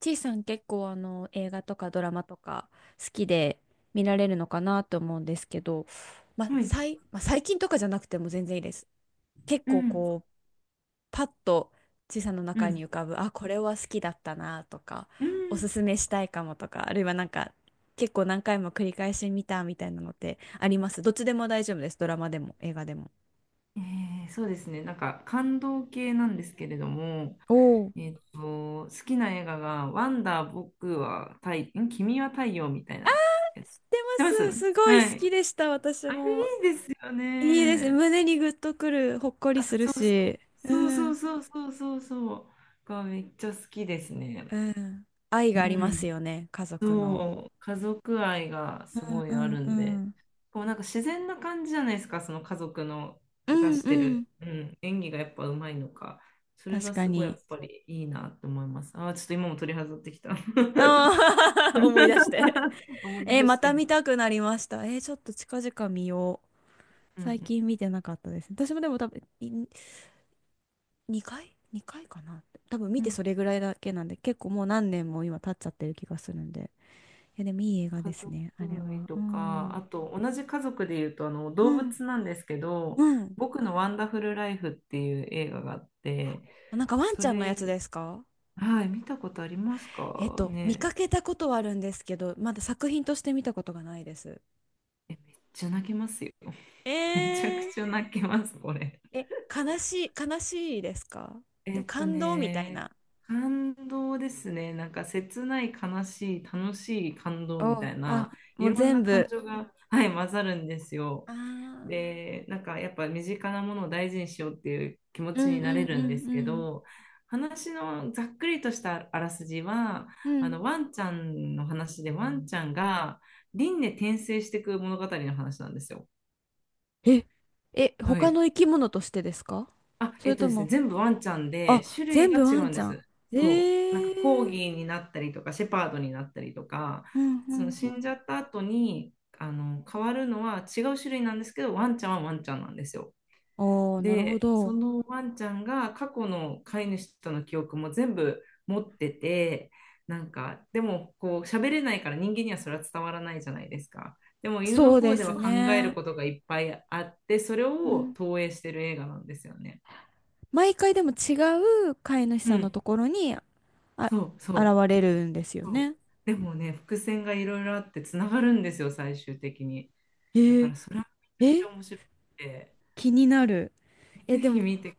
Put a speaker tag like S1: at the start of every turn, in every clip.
S1: ちいさん結構映画とかドラマとか好きで見られるのかなと思うんですけど、まあ
S2: はい。
S1: 最、まあ、最近とかじゃなくても全然いいです。結
S2: う
S1: 構
S2: ん。
S1: こうパッとちいさんの
S2: う
S1: 中
S2: ん。
S1: に浮かぶあこれは好きだったなとか
S2: うん。
S1: おすすめしたいかもとか、あるいはなんか結構何回も繰り返し見たみたいなのってあります？どっちでも大丈夫です。ドラマでも映画でも。
S2: そうですね。なんか感動系なんですけれども、
S1: おお、知
S2: 好きな映画が、ワンダー、僕は太、ん君は太陽みたいな。
S1: って
S2: 知ってます？
S1: ます。すごい
S2: は
S1: 好
S2: い。
S1: きでした。私
S2: あれ
S1: も。
S2: いいですよ
S1: いいですね。
S2: ね。
S1: 胸にグッとくる、ほっこり
S2: あ、
S1: する
S2: そうそう。
S1: し。
S2: そう
S1: う
S2: そう
S1: ん。
S2: そうそうそうそう。がめっちゃ好きです
S1: う
S2: ね。
S1: ん。愛
S2: う
S1: があります
S2: ん。
S1: よね、家族の。
S2: そう、家族愛がす
S1: うん
S2: ご
S1: う
S2: いあ
S1: ん
S2: る
S1: う
S2: んで、
S1: ん。
S2: こうなんか自然な感じじゃないですか、その家族の
S1: う
S2: 出
S1: ん
S2: し
S1: う
S2: て
S1: ん。
S2: る、うん、演技がやっぱうまいのか、それ
S1: 確
S2: が
S1: か
S2: すごいや
S1: に。
S2: っぱりいいなって思います。あー、ちょっと今も取り外ってきた。
S1: ああ 思い出して。
S2: 思い
S1: えー、
S2: 出
S1: ま
S2: し
S1: た
S2: て。
S1: 見たくなりました。えー、ちょっと近々見よう。
S2: う
S1: 最
S2: ん、
S1: 近見てなかったです。私もでも多分、2回？ 2 回かな、多分見
S2: うん。う
S1: て
S2: ん。
S1: それぐらいだけなんで、結構もう何年も今経っちゃってる気がするんで。いや、でもいい映画で
S2: 家
S1: す
S2: 族
S1: ね、あれ
S2: 愛
S1: は。
S2: と
S1: う
S2: か、
S1: ん。
S2: あと同じ家族でいうとあの
S1: う
S2: 動
S1: ん。
S2: 物なんですけど、
S1: うん。
S2: 僕のワンダフルライフっていう映画があって、
S1: あ、なんかワン
S2: そ
S1: ちゃんのやつ
S2: れ
S1: ですか？
S2: はい、見たことありますか
S1: 見か
S2: ね？
S1: けたことはあるんですけど、まだ作品として見たことがないです。
S2: じゃ泣けますよ。めちゃく
S1: えー、
S2: ちゃ泣けます、これ。
S1: え、悲しいですか？で
S2: え
S1: も
S2: っと
S1: 感動みたい
S2: ね、
S1: な。
S2: 感動ですね。なんか切ない、悲しい、楽しい感動み
S1: お、
S2: たい
S1: あ、
S2: な、い
S1: もう
S2: ろん
S1: 全
S2: な感
S1: 部。
S2: 情が、はい、混ざるんですよ。
S1: あー。
S2: で、なんかやっぱ身近なものを大事にしようっていう気持
S1: う
S2: ちに
S1: ん
S2: な
S1: う
S2: れ
S1: んう
S2: るんですけ
S1: ん
S2: ど、話のざっくりとしたあらすじは、
S1: うん。うん。
S2: ワンちゃんの話で、ワンちゃんが輪廻転生していく物語の話なんですよ。
S1: え、え、
S2: は
S1: 他
S2: い。
S1: の生き物としてですか？
S2: あ、
S1: それと
S2: ですね、
S1: も、
S2: 全部ワンちゃんで
S1: あ、
S2: 種類
S1: 全
S2: が
S1: 部
S2: 違
S1: ワ
S2: う
S1: ン
S2: ん
S1: ち
S2: で
S1: ゃん。
S2: す。
S1: え
S2: そう。なんかコー
S1: ー。
S2: ギーになったりとか、シェパードになったりとか、
S1: うんう
S2: その
S1: ん
S2: 死
S1: う
S2: んじゃ
S1: ん。
S2: った後に、変わるのは違う種類なんですけど、ワンちゃんはワンちゃんなんですよ。
S1: おー、なるほ
S2: で、そ
S1: ど。
S2: のワンちゃんが過去の飼い主との記憶も全部持ってて、なんか、でもこう喋れないから人間にはそれは伝わらないじゃないですか。でも犬の
S1: そう
S2: 方
S1: で
S2: では
S1: す
S2: 考える
S1: ね。
S2: ことがいっぱいあって、それ
S1: う
S2: を
S1: ん。
S2: 投影してる映画なんですよね。
S1: 毎回でも違う飼い主
S2: う
S1: さんの
S2: ん、
S1: ところに、あ、
S2: そう
S1: 現
S2: そ
S1: れるんですよ
S2: うそう。
S1: ね。
S2: でもね、伏線がいろいろあってつながるんですよ、最終的に。
S1: え
S2: だか
S1: ー、
S2: らそれはめちゃくち
S1: え、
S2: ゃ面白くて、
S1: 気になる。え、
S2: ぜ
S1: で
S2: ひ
S1: も、
S2: 見てく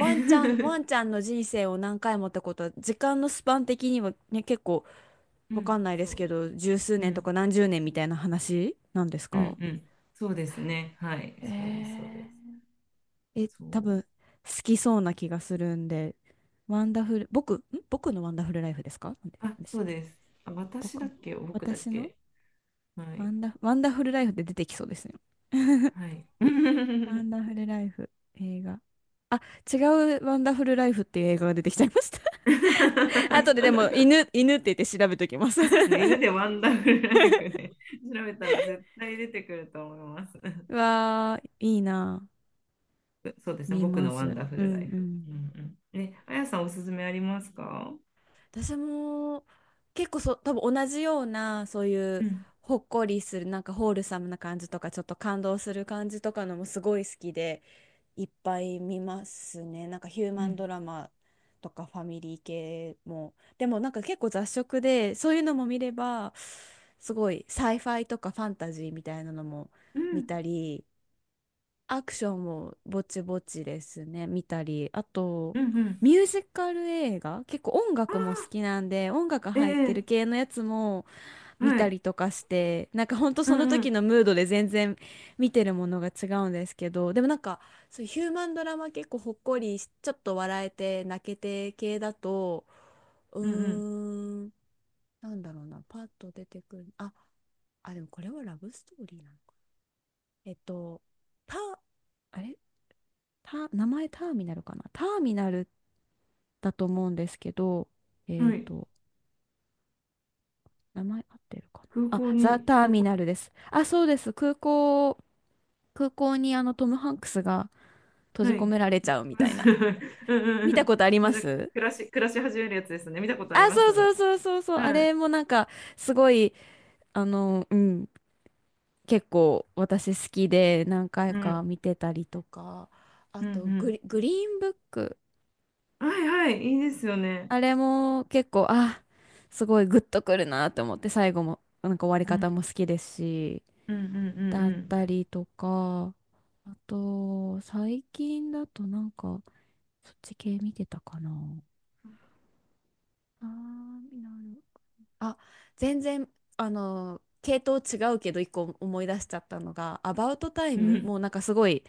S2: ださい。
S1: ンちゃん、ワ ンちゃんの人生を何回もってことは、時間のスパン的にはね、結構
S2: う
S1: わかん
S2: ん、
S1: な いで
S2: そ
S1: す
S2: う。
S1: けど、十数
S2: う
S1: 年とか
S2: ん
S1: 何十年みたいな話なんです
S2: う
S1: か？
S2: んうん。そうですね。はい。
S1: え
S2: そうです、そうで
S1: ー、
S2: す。
S1: え、
S2: そ
S1: 多
S2: う。
S1: 分、好きそうな気がするんで。ワンダフル、僕、ん僕のワンダフルライフですか？なんで
S2: あ、
S1: なんでし
S2: そ
S1: たっ
S2: う
S1: け？
S2: です。あ、私だ
S1: 僕、
S2: っけ僕だっ
S1: 私の
S2: け？はい。
S1: ワンダフルライフって出てきそうですね。
S2: はい。
S1: ワン ダフルライフ、映画。あ、違うワンダフルライフっていう映画が出てきちゃいました。後ででも、犬って言って調べときます。
S2: あ、そうですね。犬で ワンダフルライフで調べたら絶対出てくると思います。
S1: うわー、いいな。
S2: そうですね。
S1: 見
S2: 僕
S1: ま
S2: のワン
S1: す。
S2: ダフ
S1: う
S2: ルラ
S1: ん
S2: イ
S1: う
S2: フ。
S1: ん。
S2: うんうん。ね、あやさんおすすめありますか？
S1: 私も結構そ多分同じような、そうい
S2: う
S1: う
S2: ん
S1: ほっこりするなんかホールサムな感じとか、ちょっと感動する感じとかのもすごい好きでいっぱい見ますね。なんかヒュー
S2: う
S1: マン
S2: ん
S1: ドラマとかファミリー系も。でもなんか結構雑食で、そういうのも見れば、すごいサイファイとかファンタジーみたいなのも
S2: う
S1: 見
S2: ん
S1: たり、アクションもぼちぼちですね、見たり、あと、
S2: うんうん。
S1: ミュージカル映画、結構音
S2: あ
S1: 楽も好
S2: あ、
S1: きなんで、音楽
S2: え
S1: 入ってる
S2: え、
S1: 系のやつも見
S2: は
S1: た
S2: い。
S1: りとかして、なんかほんと
S2: う
S1: その
S2: んう
S1: 時
S2: ん
S1: のムードで全然見てるものが違うんですけど、でもなんか、そういうヒューマンドラマ、結構ほっこりし、ちょっと笑えて泣けて系だと、う
S2: うん
S1: ーん、なんだろうな、パッと出てくる、あ、でもこれはラブストーリーなのか。えっと、パ、あれた、名前ターミナルかな、ターミナルだと思うんですけど、
S2: うん。
S1: えっ
S2: はい。
S1: と、名前合ってるか
S2: 空
S1: なあ。
S2: 港
S1: ザ・
S2: に、
S1: ターミナルです。あ、そうです。空港にトム・ハンクスが閉じ
S2: は
S1: 込
S2: い。
S1: められちゃうみたいな。
S2: うんう
S1: 見
S2: んう
S1: た
S2: ん。
S1: ことあり
S2: で、
S1: ま
S2: なんか、
S1: す？
S2: 暮らし始めるやつですね。見たことあり
S1: あ、
S2: ま
S1: そ
S2: す。
S1: うそうそうそうそう。あ
S2: はい。
S1: れもなんか、すごい、あの、うん、結構私好きで何回
S2: うん。
S1: か見てたりとか、あ
S2: うん。う
S1: とグ
S2: ん。
S1: リ、グリーンブック。
S2: はいはい。いいですよね。
S1: あれも結構、あ、すごいグッとくるなと思って、最後も、なんか終わり
S2: うん。
S1: 方も好きですし、
S2: うんう
S1: だっ
S2: ん
S1: たりとか、あと、最近だとなんか、そっち系見てたかな。あー、なる。あ、全然、あの、系統違うけど、一個思い出しちゃったのが、アバウトタイ
S2: うんうん。う
S1: ム、
S2: ん。
S1: もうなんかすごい、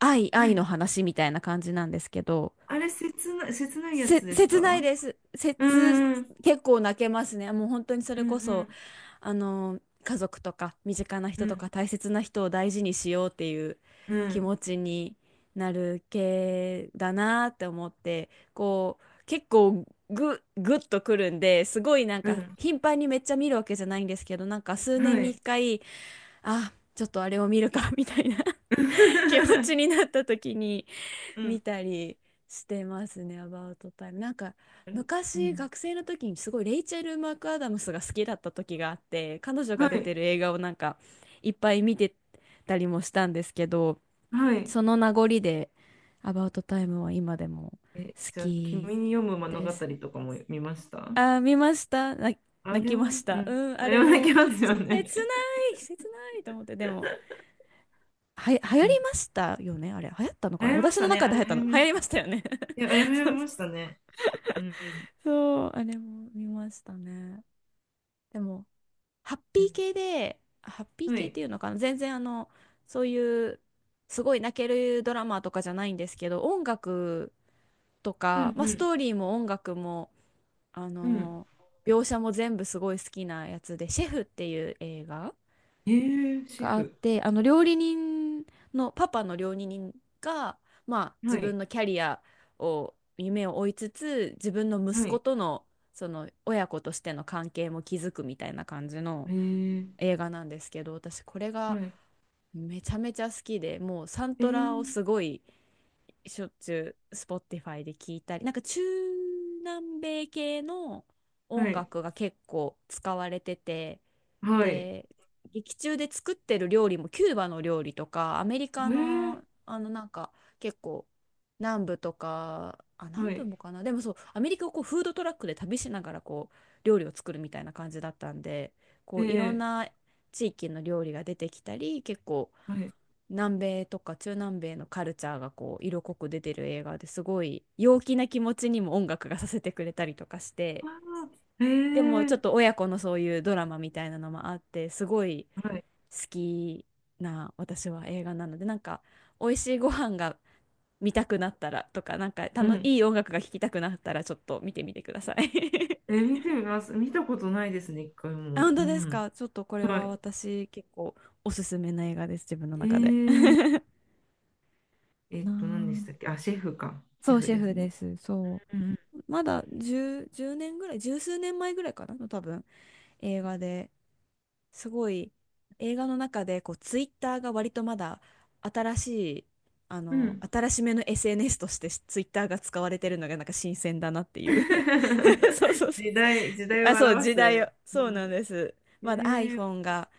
S2: は
S1: 愛
S2: い。
S1: の話みたいな感じなんですけど、
S2: あれ、切ない、切ないやつです
S1: 切な
S2: か？
S1: いです。
S2: う
S1: 切、
S2: んうん
S1: 結構泣けますね。もう本当にそ
S2: う
S1: れこそ、
S2: ん
S1: あの、家族とか身近な
S2: う
S1: 人とか
S2: ん
S1: 大切な人を大事にしようっていう
S2: う
S1: 気
S2: ん
S1: 持ちになる系だなって思って、こう、結構ぐ、ぐっとくるんで、すごいなん
S2: う
S1: か
S2: ん。
S1: 頻繁にめっちゃ見るわけじゃないんですけど、なんか数
S2: は
S1: 年に
S2: い。
S1: 一回、あ、ちょっとあれを見るかみたいな 気持ちに なった時に、
S2: う
S1: 見
S2: ん。
S1: たりしてますね、アバウトタイム。なんか
S2: う
S1: 昔
S2: ん。
S1: 学生の時にすごいレイチェル・マクアダムスが好きだった時があって、彼女
S2: は
S1: が出て
S2: い。
S1: る映画をなんかいっぱい見てたりもしたんですけど、
S2: はい。
S1: その名残でアバウトタイムは今でも
S2: え、
S1: 好
S2: じゃあ、
S1: き
S2: 君に読む物
S1: で
S2: 語
S1: す。
S2: とかも見ました？
S1: あー、見ました。な、
S2: あ
S1: 泣
S2: れ
S1: きまし
S2: も、う
S1: た。
S2: ん。
S1: うん、
S2: あ
S1: あ
S2: れ
S1: れ
S2: も泣
S1: も
S2: きますよね。
S1: 切な切ないと思って、でも。は、流行
S2: う
S1: り
S2: ん。
S1: ましたよね、あれ。流行ったの
S2: 流
S1: かな、
S2: 行りま
S1: 私
S2: し
S1: の
S2: たね。
S1: 中
S2: あ
S1: で
S2: れ
S1: 流行った
S2: 流
S1: の。
S2: 行り
S1: 流
S2: ま
S1: 行
S2: し
S1: りまし
S2: た。
S1: たよね。
S2: いや、あれ流行りまし たね。うん。
S1: そう、あれも見ましたね。でも、
S2: うん
S1: ハッピ
S2: う
S1: ー
S2: ん、は
S1: 系っ
S2: い。
S1: ていうのかな、全然あの、そういう、すごい泣けるドラマとかじゃないんですけど、音楽と
S2: う
S1: か、まあ、ス
S2: ん
S1: トーリーも音楽も、あ
S2: うん。うん。
S1: の、描写も全部すごい好きなやつで、シェフっていう映画
S2: えー、シェ
S1: があっ
S2: フ。
S1: て、あの料理人が、まあ、
S2: は
S1: 自
S2: い。
S1: 分のキャリアを、夢を追いつつ、自分の息
S2: は
S1: 子
S2: い。
S1: とのその親子としての関係も築くみたいな感じの
S2: えー、
S1: 映画なんですけど、私これが
S2: はい。
S1: めちゃめちゃ好きで、もうサン
S2: え
S1: トラを
S2: ー、
S1: すごいしょっちゅう Spotify で聞いたり、なんか中南米系の
S2: は
S1: 音
S2: い。
S1: 楽が結構使われてて。
S2: はい。
S1: で、劇中で作ってる料理もキューバの料理とか、アメリカ
S2: えー、
S1: のあのなんか結構南部とか、あ、
S2: は
S1: 南部
S2: い。
S1: もかな、でもそう、アメリカをこうフードトラックで旅しながらこう料理を作るみたいな感じだったんで、こ
S2: え
S1: ういろん
S2: ー、
S1: な地域の料理が出てきたり、結構
S2: はい。
S1: 南米とか中南米のカルチャーがこう色濃く出てる映画で、すごい陽気な気持ちにも音楽がさせてくれたりとかして、
S2: あー、え
S1: でもちょっ
S2: ー、
S1: と親子のそういうドラマみたいなのもあって、すごい
S2: はい。
S1: 好きな私は映画なので、なんか美味しいご飯が見たくなったらとか、なんかた
S2: う
S1: の
S2: ん。
S1: いい音楽が聴きたくなったら、ちょっと見てみてください。
S2: えー、見てみます。見たことないですね、一回
S1: あ、
S2: も。
S1: 本
S2: う
S1: 当です
S2: ん。
S1: か？ちょっとこれ
S2: は
S1: は
S2: い。
S1: 私結構おすすめな映画です、自分の
S2: え
S1: 中で。
S2: ー、
S1: な
S2: 何でしたっけ？
S1: あ、
S2: あ、シェフか。シ
S1: そ
S2: ェ
S1: う
S2: フ
S1: シェ
S2: です
S1: フで
S2: ね。
S1: す。そ
S2: うん
S1: う、まだ10、年ぐらい、十数年前ぐらいかなの多分映画で、すごい映画の中でこうツイッターが割とまだ新しい
S2: うん。うん。
S1: 新しめの SNS としてツイッターが使われてるのがなんか新鮮だなっていう。 そうそう そう。
S2: 時代、時代を
S1: あ、そう、
S2: 表
S1: 時
S2: す。
S1: 代を、
S2: う
S1: そうなん
S2: ん。
S1: です。
S2: え
S1: まだ
S2: ー、
S1: iPhone が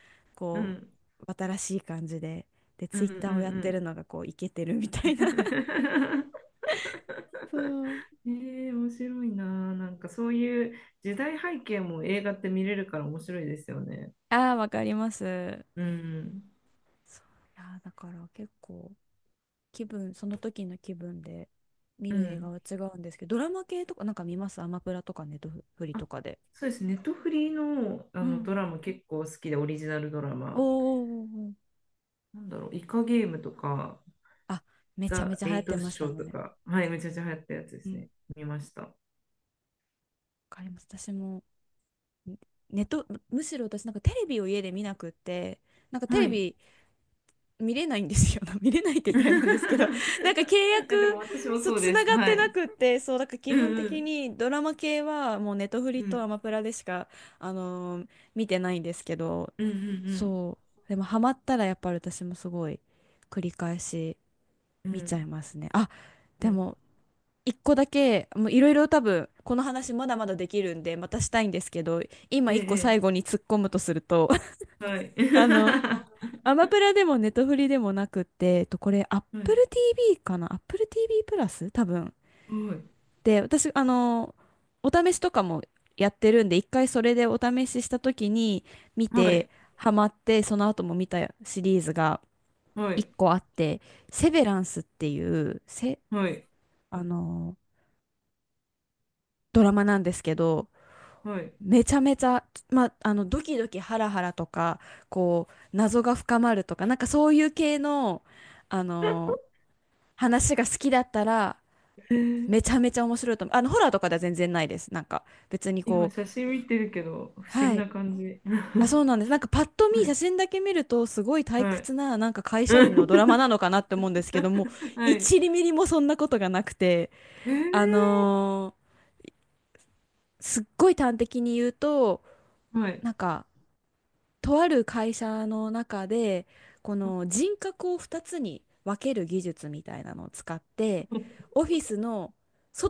S2: う
S1: こ
S2: ん、
S1: う新しい感じで、で
S2: うん、
S1: ツ
S2: う
S1: イッター
S2: ん
S1: をやってる
S2: う
S1: のがこうイケてるみ
S2: ん。
S1: たいな。 そう。
S2: えー、面白いな。なんかそういう時代背景も映画って見れるから面白いですよね。
S1: ああー、わかります。
S2: うん、
S1: そう、いやー、だから結構その時の気分で見
S2: う
S1: る映画
S2: ん。
S1: は違うんですけど、ドラマ系とかなんか見ます、アマプラとかネットフリ
S2: あ、
S1: とかで。
S2: そうです。ネットフリーの、あ
S1: う
S2: の
S1: ん。
S2: ドラマ結構好きで、オリジナルドラ
S1: おー
S2: マ。
S1: おーおーおー。
S2: なんだろう、イカゲームとか、
S1: あ、めちゃめ
S2: ザ・
S1: ちゃ流
S2: エ
S1: 行っ
S2: イ
S1: て
S2: ト
S1: まし
S2: シ
S1: た
S2: ョー
S1: もん
S2: と
S1: ね。
S2: か、はい、めちゃめちゃ流行ったやつで
S1: う
S2: す
S1: ん。
S2: ね。見ました。
S1: わかります。私もネット、むむしろ私なんかテレビを家で見なくって、なんかテ
S2: は
S1: レ
S2: い。
S1: ビ見れないんですよ。見れないって言ったらあれなんですけど、なんか契
S2: えでも
S1: 約、
S2: 私も
S1: そう、
S2: そう
S1: つ
S2: で
S1: な
S2: す。
S1: がっ
S2: は
S1: てな
S2: い。
S1: くって、そう、だから基
S2: うん
S1: 本
S2: う
S1: 的
S2: ん。
S1: にドラマ系はもうネトフ
S2: う
S1: リと
S2: ん
S1: アマプラでしか、あのー見てないんですけど、
S2: うん
S1: そう、でもハマったらやっぱり私もすごい繰り返し
S2: うんう
S1: 見ちゃい
S2: ん。
S1: ますね。あ、
S2: うん
S1: で
S2: うん。
S1: も、一個だけ、もういろいろ多分、この話まだまだできるんで、またしたいんですけど、今
S2: え
S1: 一個
S2: え。
S1: 最
S2: え
S1: 後に突っ込むとすると、
S2: え、はい。
S1: あの、アマプラでもネットフリでもなくって、これ Apple
S2: はい。
S1: TV かな、 Apple TV プラス多分。で、私、お試しとかもやってるんで、一回それでお試しした時に見
S2: は
S1: て、
S2: い。
S1: ハマって、その後も見たシリーズが
S2: は
S1: 一
S2: い。
S1: 個あって、セベランスっていう、せ、
S2: はい。はい
S1: あの、ドラマなんですけど、
S2: はい。
S1: めちゃめちゃ、ドキドキハラハラとか、こう、謎が深まるとか、なんかそういう系の、あの話が好きだったら
S2: えー
S1: めちゃめちゃ面白いと思う。ホラーとかでは全然ないです。なんか別に
S2: 今
S1: こう、
S2: 写真見てるけど、不思
S1: は
S2: 議な
S1: い。
S2: 感じ。
S1: あ、そう なんです。なんかパッと
S2: は
S1: 見、
S2: い。
S1: 写真だけ見るとすごい退
S2: はい。
S1: 屈な、なんか会社
S2: う
S1: 員
S2: ん
S1: のドラマなのかなって思うんですけども、
S2: はい。
S1: 1ミリもそんなことがなくて、
S2: え
S1: あ
S2: ー、
S1: のーすっごい端的に言うと、
S2: はい。
S1: なんかとある会社の中でこの人格を2つに分ける技術みたいなのを使って、オフィスの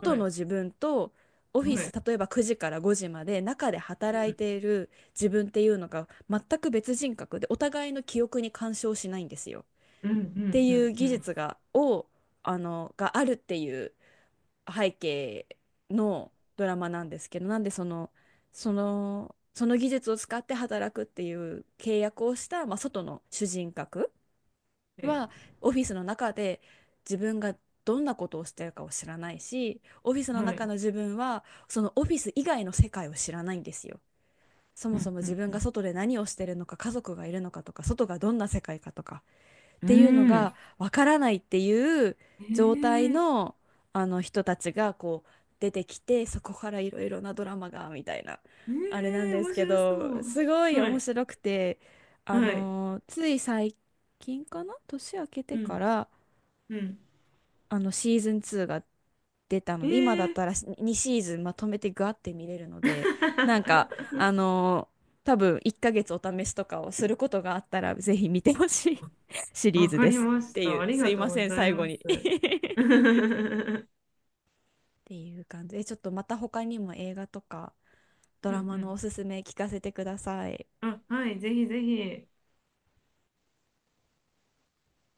S2: は
S1: の
S2: い。
S1: 自分と、オフィ
S2: は
S1: ス
S2: い。
S1: 例えば9時から5時まで中で働
S2: う
S1: い
S2: ん。
S1: ている自分っていうのが、全く別人格でお互いの記憶に干渉しないんですよ
S2: うん。う
S1: って
S2: ん。う
S1: いう
S2: ん。う
S1: 技
S2: ん、
S1: 術があるっていう背景のドラマなんですけど、なんでその技術を使って働くっていう契約をした、まあ、外の主人格
S2: はい。
S1: は、オフィスの中で自分がどんなことをしてるかを知らないし、オフィスの
S2: はい。
S1: 中の自分はそのオフィス以外の世界を知らないんですよ。そ
S2: う
S1: もそ
S2: ん。
S1: も
S2: う
S1: 自分
S2: ん。
S1: が外で何をしてるのか、家族がいるのかとか、外がどんな世界かとか、っ
S2: う
S1: ていうの
S2: ん。
S1: がわからないっていう状態
S2: ええ
S1: の、あの人たちがこう出てきて、そこからいろいろなドラマがみたいなあれなん
S2: ええ、
S1: です
S2: 面
S1: け
S2: 白そ
S1: ど、
S2: う。
S1: すごい
S2: は
S1: 面
S2: い、
S1: 白くて、
S2: はい、
S1: つい最近かな、年明けて
S2: う
S1: か
S2: ん、
S1: ら
S2: うん。
S1: シーズン2が出たの
S2: え
S1: で、今だっ
S2: え
S1: たら2シーズンまとめてガーって見れるので、なんか、多分1ヶ月お試しとかをすることがあったら、ぜひ見てほしい シリー
S2: わ
S1: ズ
S2: か
S1: で
S2: り
S1: す
S2: ま
S1: っ
S2: し
S1: てい
S2: た。
S1: う、
S2: あり
S1: す
S2: が
S1: い
S2: と
S1: ま
S2: う
S1: せ
S2: ご
S1: ん、
S2: ざい
S1: 最後
S2: ま
S1: に
S2: す。
S1: っ
S2: うん
S1: ていう感じで、ちょっとまた他にも映画とかド
S2: う
S1: ラマのお
S2: ん。
S1: すすめ聞かせてください。
S2: あ、はい、ぜひぜひ。